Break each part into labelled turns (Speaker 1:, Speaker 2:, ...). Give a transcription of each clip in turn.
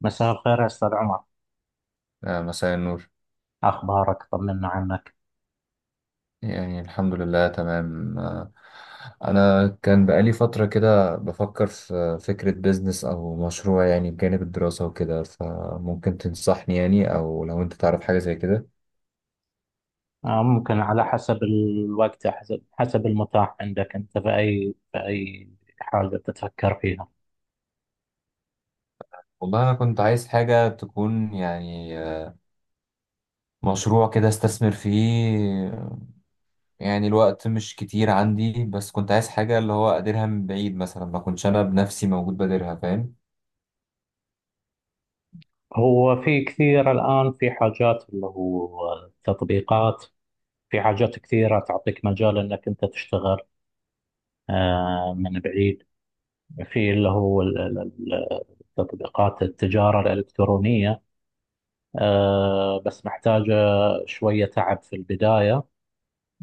Speaker 1: مساء الخير يا أستاذ عمر.
Speaker 2: مساء النور.
Speaker 1: أخبارك؟ طمنا عنك.
Speaker 2: يعني الحمد لله تمام. أنا كان بقالي فترة كده بفكر في فكرة بيزنس أو مشروع، يعني بجانب الدراسة وكده. فممكن تنصحني يعني، أو لو أنت تعرف حاجة زي كده.
Speaker 1: ممكن على حسب الوقت، حسب المتاح عندك أنت في أي حاجة تتفكر فيها.
Speaker 2: والله أنا كنت عايز حاجة تكون يعني مشروع كده استثمر فيه. يعني الوقت مش كتير عندي، بس كنت عايز حاجة اللي هو أديرها من بعيد، مثلا ما كنتش أنا بنفسي موجود باديرها، فاهم؟
Speaker 1: هو في كثير الآن في حاجات اللي هو تطبيقات، في حاجات كثيرة تعطيك مجال أنك أنت تشتغل من بعيد. في اللي هو ال- تطبيقات التجارة الإلكترونية. بس محتاجة شوية تعب في البداية.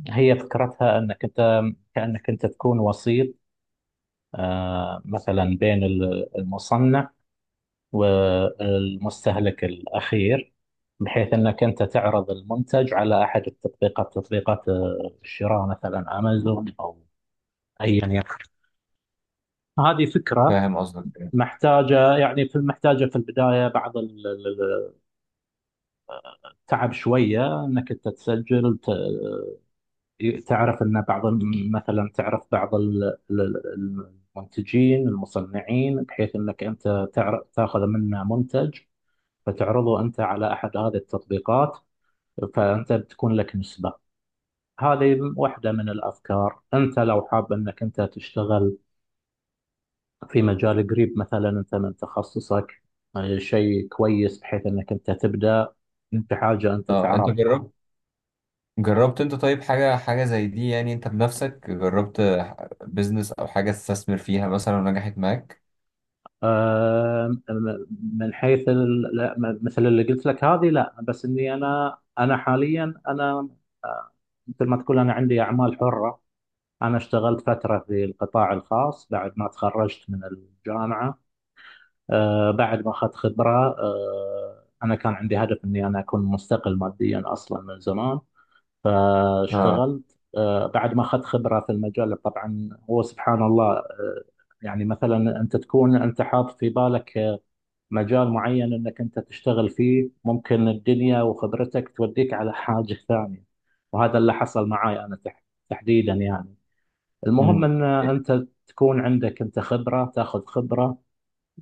Speaker 1: هي فكرتها أنك أنت، كأنك أنت تكون وسيط، مثلا بين المصنع والمستهلك الأخير، بحيث أنك أنت تعرض المنتج على أحد التطبيقات، تطبيقات الشراء، مثلا أمازون أو أيا يكن. هذه فكرة
Speaker 2: فاهم قصدك.
Speaker 1: محتاجة يعني، في محتاجة في البداية بعض التعب شوية، أنك أنت تسجل، تعرف ان بعض مثلا تعرف بعض المنتجين المصنعين، بحيث انك انت تعرف تاخذ منه منتج، فتعرضه انت على احد هذه التطبيقات، فانت بتكون لك نسبة. هذه واحدة من الافكار. انت لو حاب انك انت تشتغل في مجال قريب مثلا، انت من تخصصك، شيء كويس بحيث انك انت تبدأ في حاجة انت
Speaker 2: اه، انت
Speaker 1: تعرفها.
Speaker 2: جربت؟ جربت انت طيب حاجة زي دي يعني، انت بنفسك جربت بيزنس او حاجة تستثمر فيها مثلا ونجحت معاك؟
Speaker 1: آم، من حيث لا، مثل اللي قلت لك هذه، لا، بس اني انا حاليا انا، آه، مثل ما تقول انا عندي اعمال حره. انا اشتغلت فتره في القطاع الخاص بعد ما تخرجت من الجامعه، بعد ما اخذت خبره. انا كان عندي هدف اني انا اكون مستقل ماديا اصلا من زمان،
Speaker 2: اه.
Speaker 1: فاشتغلت بعد ما اخذت خبره في المجال. طبعا هو سبحان الله، يعني مثلا انت تكون انت حاط في بالك مجال معين انك انت تشتغل فيه، ممكن الدنيا وخبرتك توديك على حاجة ثانية، وهذا اللي حصل معاي انا تحديدا يعني. المهم
Speaker 2: امم.
Speaker 1: ان انت تكون عندك انت خبرة، تاخذ خبرة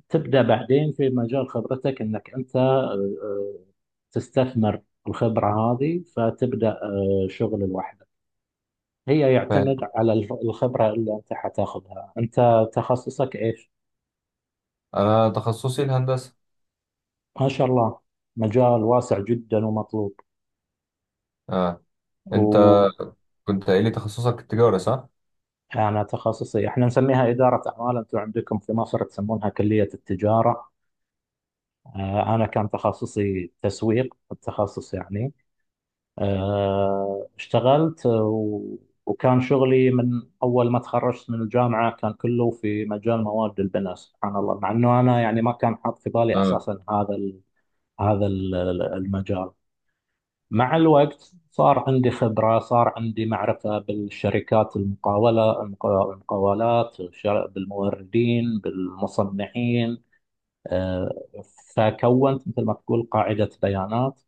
Speaker 1: تبدأ بعدين في مجال خبرتك، انك انت آه، تستثمر الخبرة هذه، فتبدأ شغل لوحدك. هي
Speaker 2: فاهم.
Speaker 1: يعتمد على الخبرة اللي انت حتاخذها. انت تخصصك ايش؟
Speaker 2: انا تخصصي الهندسة.
Speaker 1: ما شاء الله، مجال واسع جدا
Speaker 2: اه، انت
Speaker 1: ومطلوب.
Speaker 2: كنت قايل لي تخصصك التجارة صح؟
Speaker 1: أنا تخصصي إحنا نسميها إدارة أعمال، أنتم عندكم في مصر تسمونها كلية التجارة. أنا كان تخصصي تسويق، التخصص يعني. اشتغلت، وكان شغلي من أول ما تخرجت من الجامعة كان كله في مجال مواد البناء. سبحان الله، مع أنه أنا يعني ما كان حاط في بالي
Speaker 2: اه.
Speaker 1: أساسا هذا ال- المجال. مع الوقت صار عندي خبرة، صار عندي معرفة بالشركات المقاولة المقاولات بالموردين بالمصنعين. آه، فكونت مثل ما تقول قاعدة بيانات.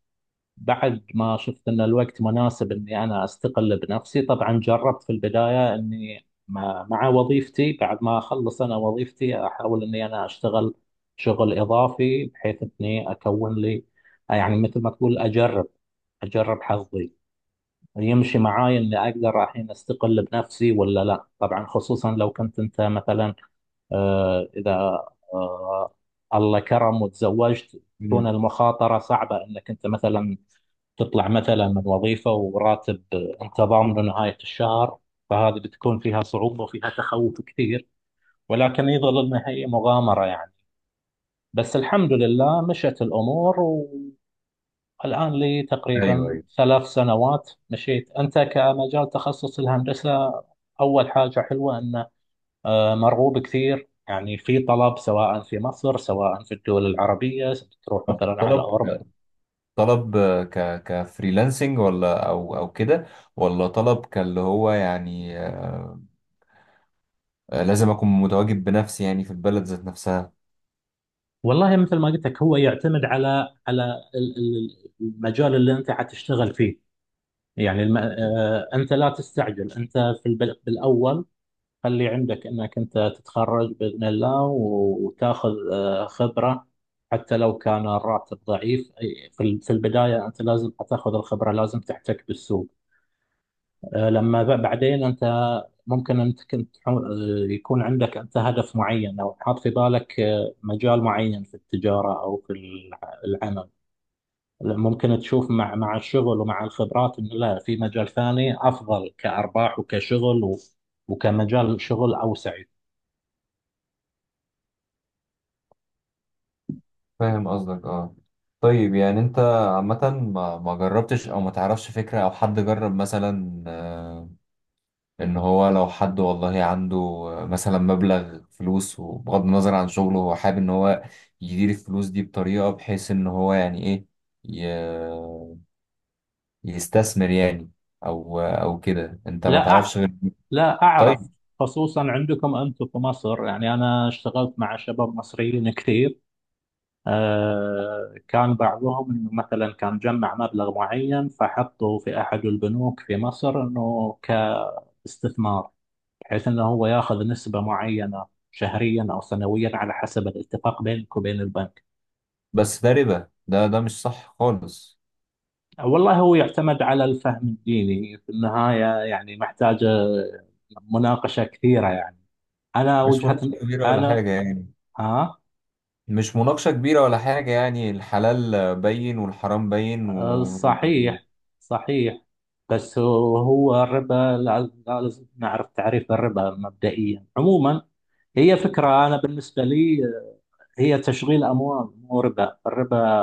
Speaker 1: بعد ما شفت أن الوقت مناسب أني أنا أستقل بنفسي، طبعا جربت في البداية أني مع وظيفتي، بعد ما أخلص أنا وظيفتي أحاول أني أنا أشتغل شغل إضافي بحيث أني أكون لي، يعني مثل ما تقول أجرب حظي، يمشي معاي اني اقدر الحين استقل بنفسي ولا لا. طبعا خصوصا لو كنت انت مثلا، اذا آه، الله كرم وتزوجت، تكون
Speaker 2: مم.
Speaker 1: المخاطره صعبه انك انت مثلا تطلع مثلا من وظيفه وراتب انت ضامنه نهايه الشهر، فهذه بتكون فيها صعوبه وفيها تخوف كثير، ولكن يظل انها هي مغامره يعني. بس الحمد لله مشت الامور. الآن لي
Speaker 2: ايوه،
Speaker 1: تقريبا
Speaker 2: ايوه.
Speaker 1: 3 سنوات مشيت. أنت كمجال تخصص الهندسة، أول حاجة حلوة أنه مرغوب كثير، يعني في طلب سواء في مصر سواء في الدول العربية، تروح
Speaker 2: طب
Speaker 1: مثلا على
Speaker 2: طلب
Speaker 1: أوروبا.
Speaker 2: طلب ك كفريلانسنج ولا او كده، ولا طلب كاللي هو يعني لازم اكون متواجد بنفسي يعني في البلد ذات نفسها؟
Speaker 1: والله مثل ما قلت لك، هو يعتمد على المجال اللي أنت حتشتغل فيه. يعني الم... آه، أنت لا تستعجل. أنت في بالأول خلي عندك انك انت تتخرج باذن الله وتاخذ خبره، حتى لو كان الراتب ضعيف. في في البدايه انت لازم تاخذ الخبره، لازم تحتك بالسوق. لما بعدين انت، ممكن انت كنت يكون عندك انت هدف معين او حاط في بالك مجال معين في التجاره او في العمل. ممكن تشوف مع الشغل ومع الخبرات انه لا، في مجال ثاني افضل كارباح وكشغل، وكمجال شغل اوسع.
Speaker 2: فاهم قصدك، اه. طيب يعني انت عامة ما جربتش او ما تعرفش فكرة او حد جرب مثلا ان هو لو حد، والله عنده مثلا مبلغ فلوس، وبغض النظر عن شغله هو حابب ان هو يدير الفلوس دي بطريقة بحيث ان هو يعني ايه، ي- يستثمر يعني، او كده؟ انت ما
Speaker 1: لا،
Speaker 2: تعرفش غير؟
Speaker 1: لا
Speaker 2: طيب.
Speaker 1: أعرف. خصوصا عندكم أنتم في مصر، يعني أنا اشتغلت مع شباب مصريين كثير. كان بعضهم إنه مثلا كان جمع مبلغ معين فحطه في أحد البنوك في مصر إنه كاستثمار، بحيث إنه هو ياخذ نسبة معينة شهريا أو سنويا على حسب الاتفاق بينك وبين البنك.
Speaker 2: بس ده ربا، ده مش صح خالص.
Speaker 1: والله هو يعتمد على الفهم الديني في النهاية، يعني محتاجة مناقشة كثيرة يعني. أنا
Speaker 2: مش مناقشة
Speaker 1: وجهة.
Speaker 2: كبيرة ولا
Speaker 1: أنا.
Speaker 2: حاجة يعني.
Speaker 1: ها؟
Speaker 2: مش مناقشة كبيرة ولا حاجة يعني، الحلال بين والحرام بين، و يعني.
Speaker 1: صحيح، صحيح. بس هو الربا، لازم نعرف تعريف الربا مبدئيا عموما. هي فكرة أنا بالنسبة لي هي تشغيل أموال، مو ربا. الربا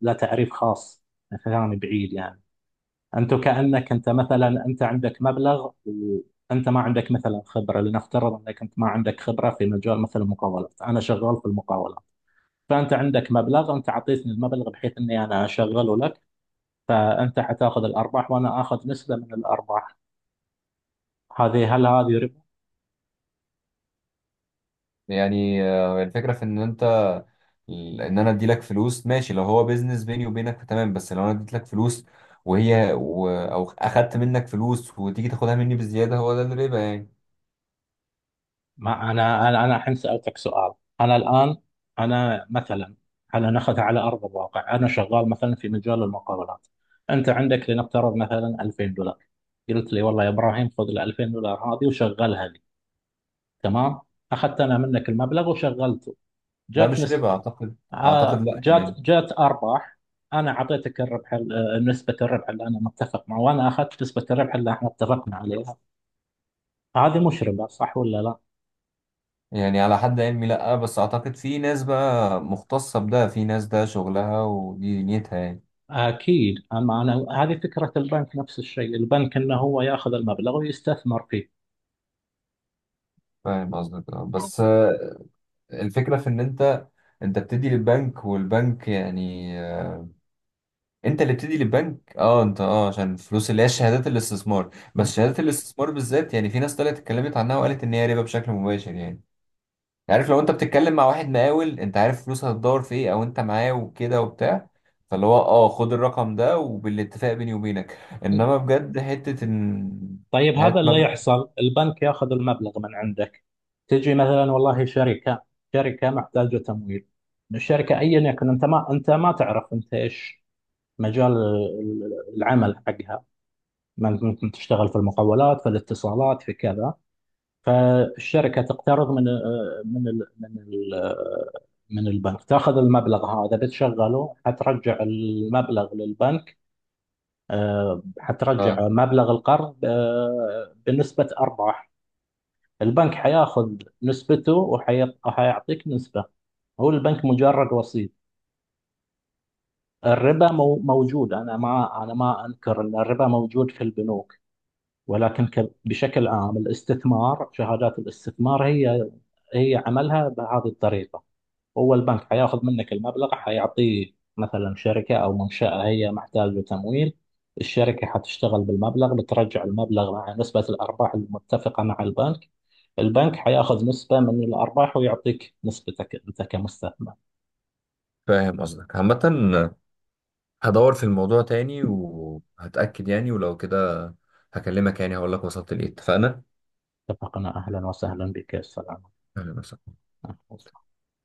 Speaker 1: لا تعريف خاص، كلامي بعيد يعني. أنت كأنك أنت مثلا، أنت عندك مبلغ وأنت ما عندك مثلا خبرة، لنفترض أنك أنت ما عندك خبرة في مجال مثلا المقاولات، أنا شغال في المقاولات، فأنت عندك مبلغ، أنت أعطيتني المبلغ بحيث أني أنا أشغله لك، فانت حتاخذ الارباح وانا اخذ نسبه من الارباح. هذه، هل هذه ربا؟
Speaker 2: يعني الفكرة في ان انت، ان انا ادي لك فلوس ماشي، لو هو بيزنس بيني وبينك تمام، بس لو انا اديت لك فلوس او اخدت منك فلوس وتيجي تاخدها مني بزيادة، هو ده الربا يعني.
Speaker 1: ما انا، انا الحين سالتك سؤال. انا الان، انا مثلا، انا ناخذها على ارض الواقع. انا شغال مثلا في مجال المقاولات، انت عندك لنفترض مثلا $2000، قلت لي والله يا ابراهيم خذ ال $2000 هذه وشغلها لي. تمام. اخذت انا منك المبلغ وشغلته،
Speaker 2: ده
Speaker 1: جات
Speaker 2: مش
Speaker 1: نسبه،
Speaker 2: ربا اعتقد،
Speaker 1: ع-
Speaker 2: اعتقد لا يعني.
Speaker 1: جات جات ارباح. انا اعطيتك الربح، نسبه الربح اللي انا متفق معه، وانا اخذت نسبه الربح اللي احنا اتفقنا عليها. هذه مشربه صح ولا لا؟
Speaker 2: يعني على حد علمي لا، بس اعتقد في ناس بقى مختصة بده، في ناس ده شغلها ودي نيتها يعني.
Speaker 1: اكيد. اما انا هذه فكره البنك، نفس الشيء البنك انه هو ياخذ المبلغ ويستثمر فيه.
Speaker 2: فاهم قصدك. بس الفكرة في ان انت، انت بتدي للبنك والبنك يعني انت اللي بتدي للبنك، اه انت، اه عشان الفلوس اللي هي شهادات الاستثمار، بس شهادات الاستثمار بالذات، يعني في ناس طلعت اتكلمت عنها وقالت ان هي ربا بشكل مباشر يعني. يعني عارف، لو انت بتتكلم مع واحد مقاول انت عارف فلوسها هتدور في ايه، او انت معاه وكده وبتاع، فاللي هو اه خد الرقم ده وبالاتفاق بيني وبينك، انما بجد حتة ان
Speaker 1: طيب، هذا
Speaker 2: هات
Speaker 1: اللي
Speaker 2: مبلغ.
Speaker 1: يحصل، البنك ياخذ المبلغ من عندك، تجي مثلا والله شركه محتاجه تمويل، من الشركه ايا يكن، انت ما تعرف انت ايش مجال العمل حقها، ممكن تشتغل في المقاولات في الاتصالات في كذا. فالشركة تقترض من ال من ال من البنك، تاخذ المبلغ هذا بتشغله، حترجع المبلغ للبنك. حترجع
Speaker 2: اه،
Speaker 1: مبلغ القرض بنسبة أرباح. البنك حياخذ نسبته، وحيعطيك نسبة. هو البنك مجرد وسيط. الربا موجود، أنا ما أنكر أن الربا موجود في البنوك، ولكن بشكل عام الاستثمار، شهادات الاستثمار هي عملها بهذه الطريقة. هو البنك حياخذ منك المبلغ، حيعطيه مثلا شركة أو منشأة هي محتاجة تمويل، الشركة حتشتغل بالمبلغ، بترجع المبلغ مع نسبة الأرباح المتفقة مع البنك، البنك حياخذ نسبة من الأرباح ويعطيك نسبتك أنت كمستثمر.
Speaker 2: فاهم قصدك. عامة هدور في الموضوع تاني وهتأكد يعني، ولو كده هكلمك يعني هقول لك وصلت لإيه. اتفقنا؟
Speaker 1: اتفقنا. أهلا وسهلا بك. السلام
Speaker 2: أهلا وسهلا.
Speaker 1: عليكم.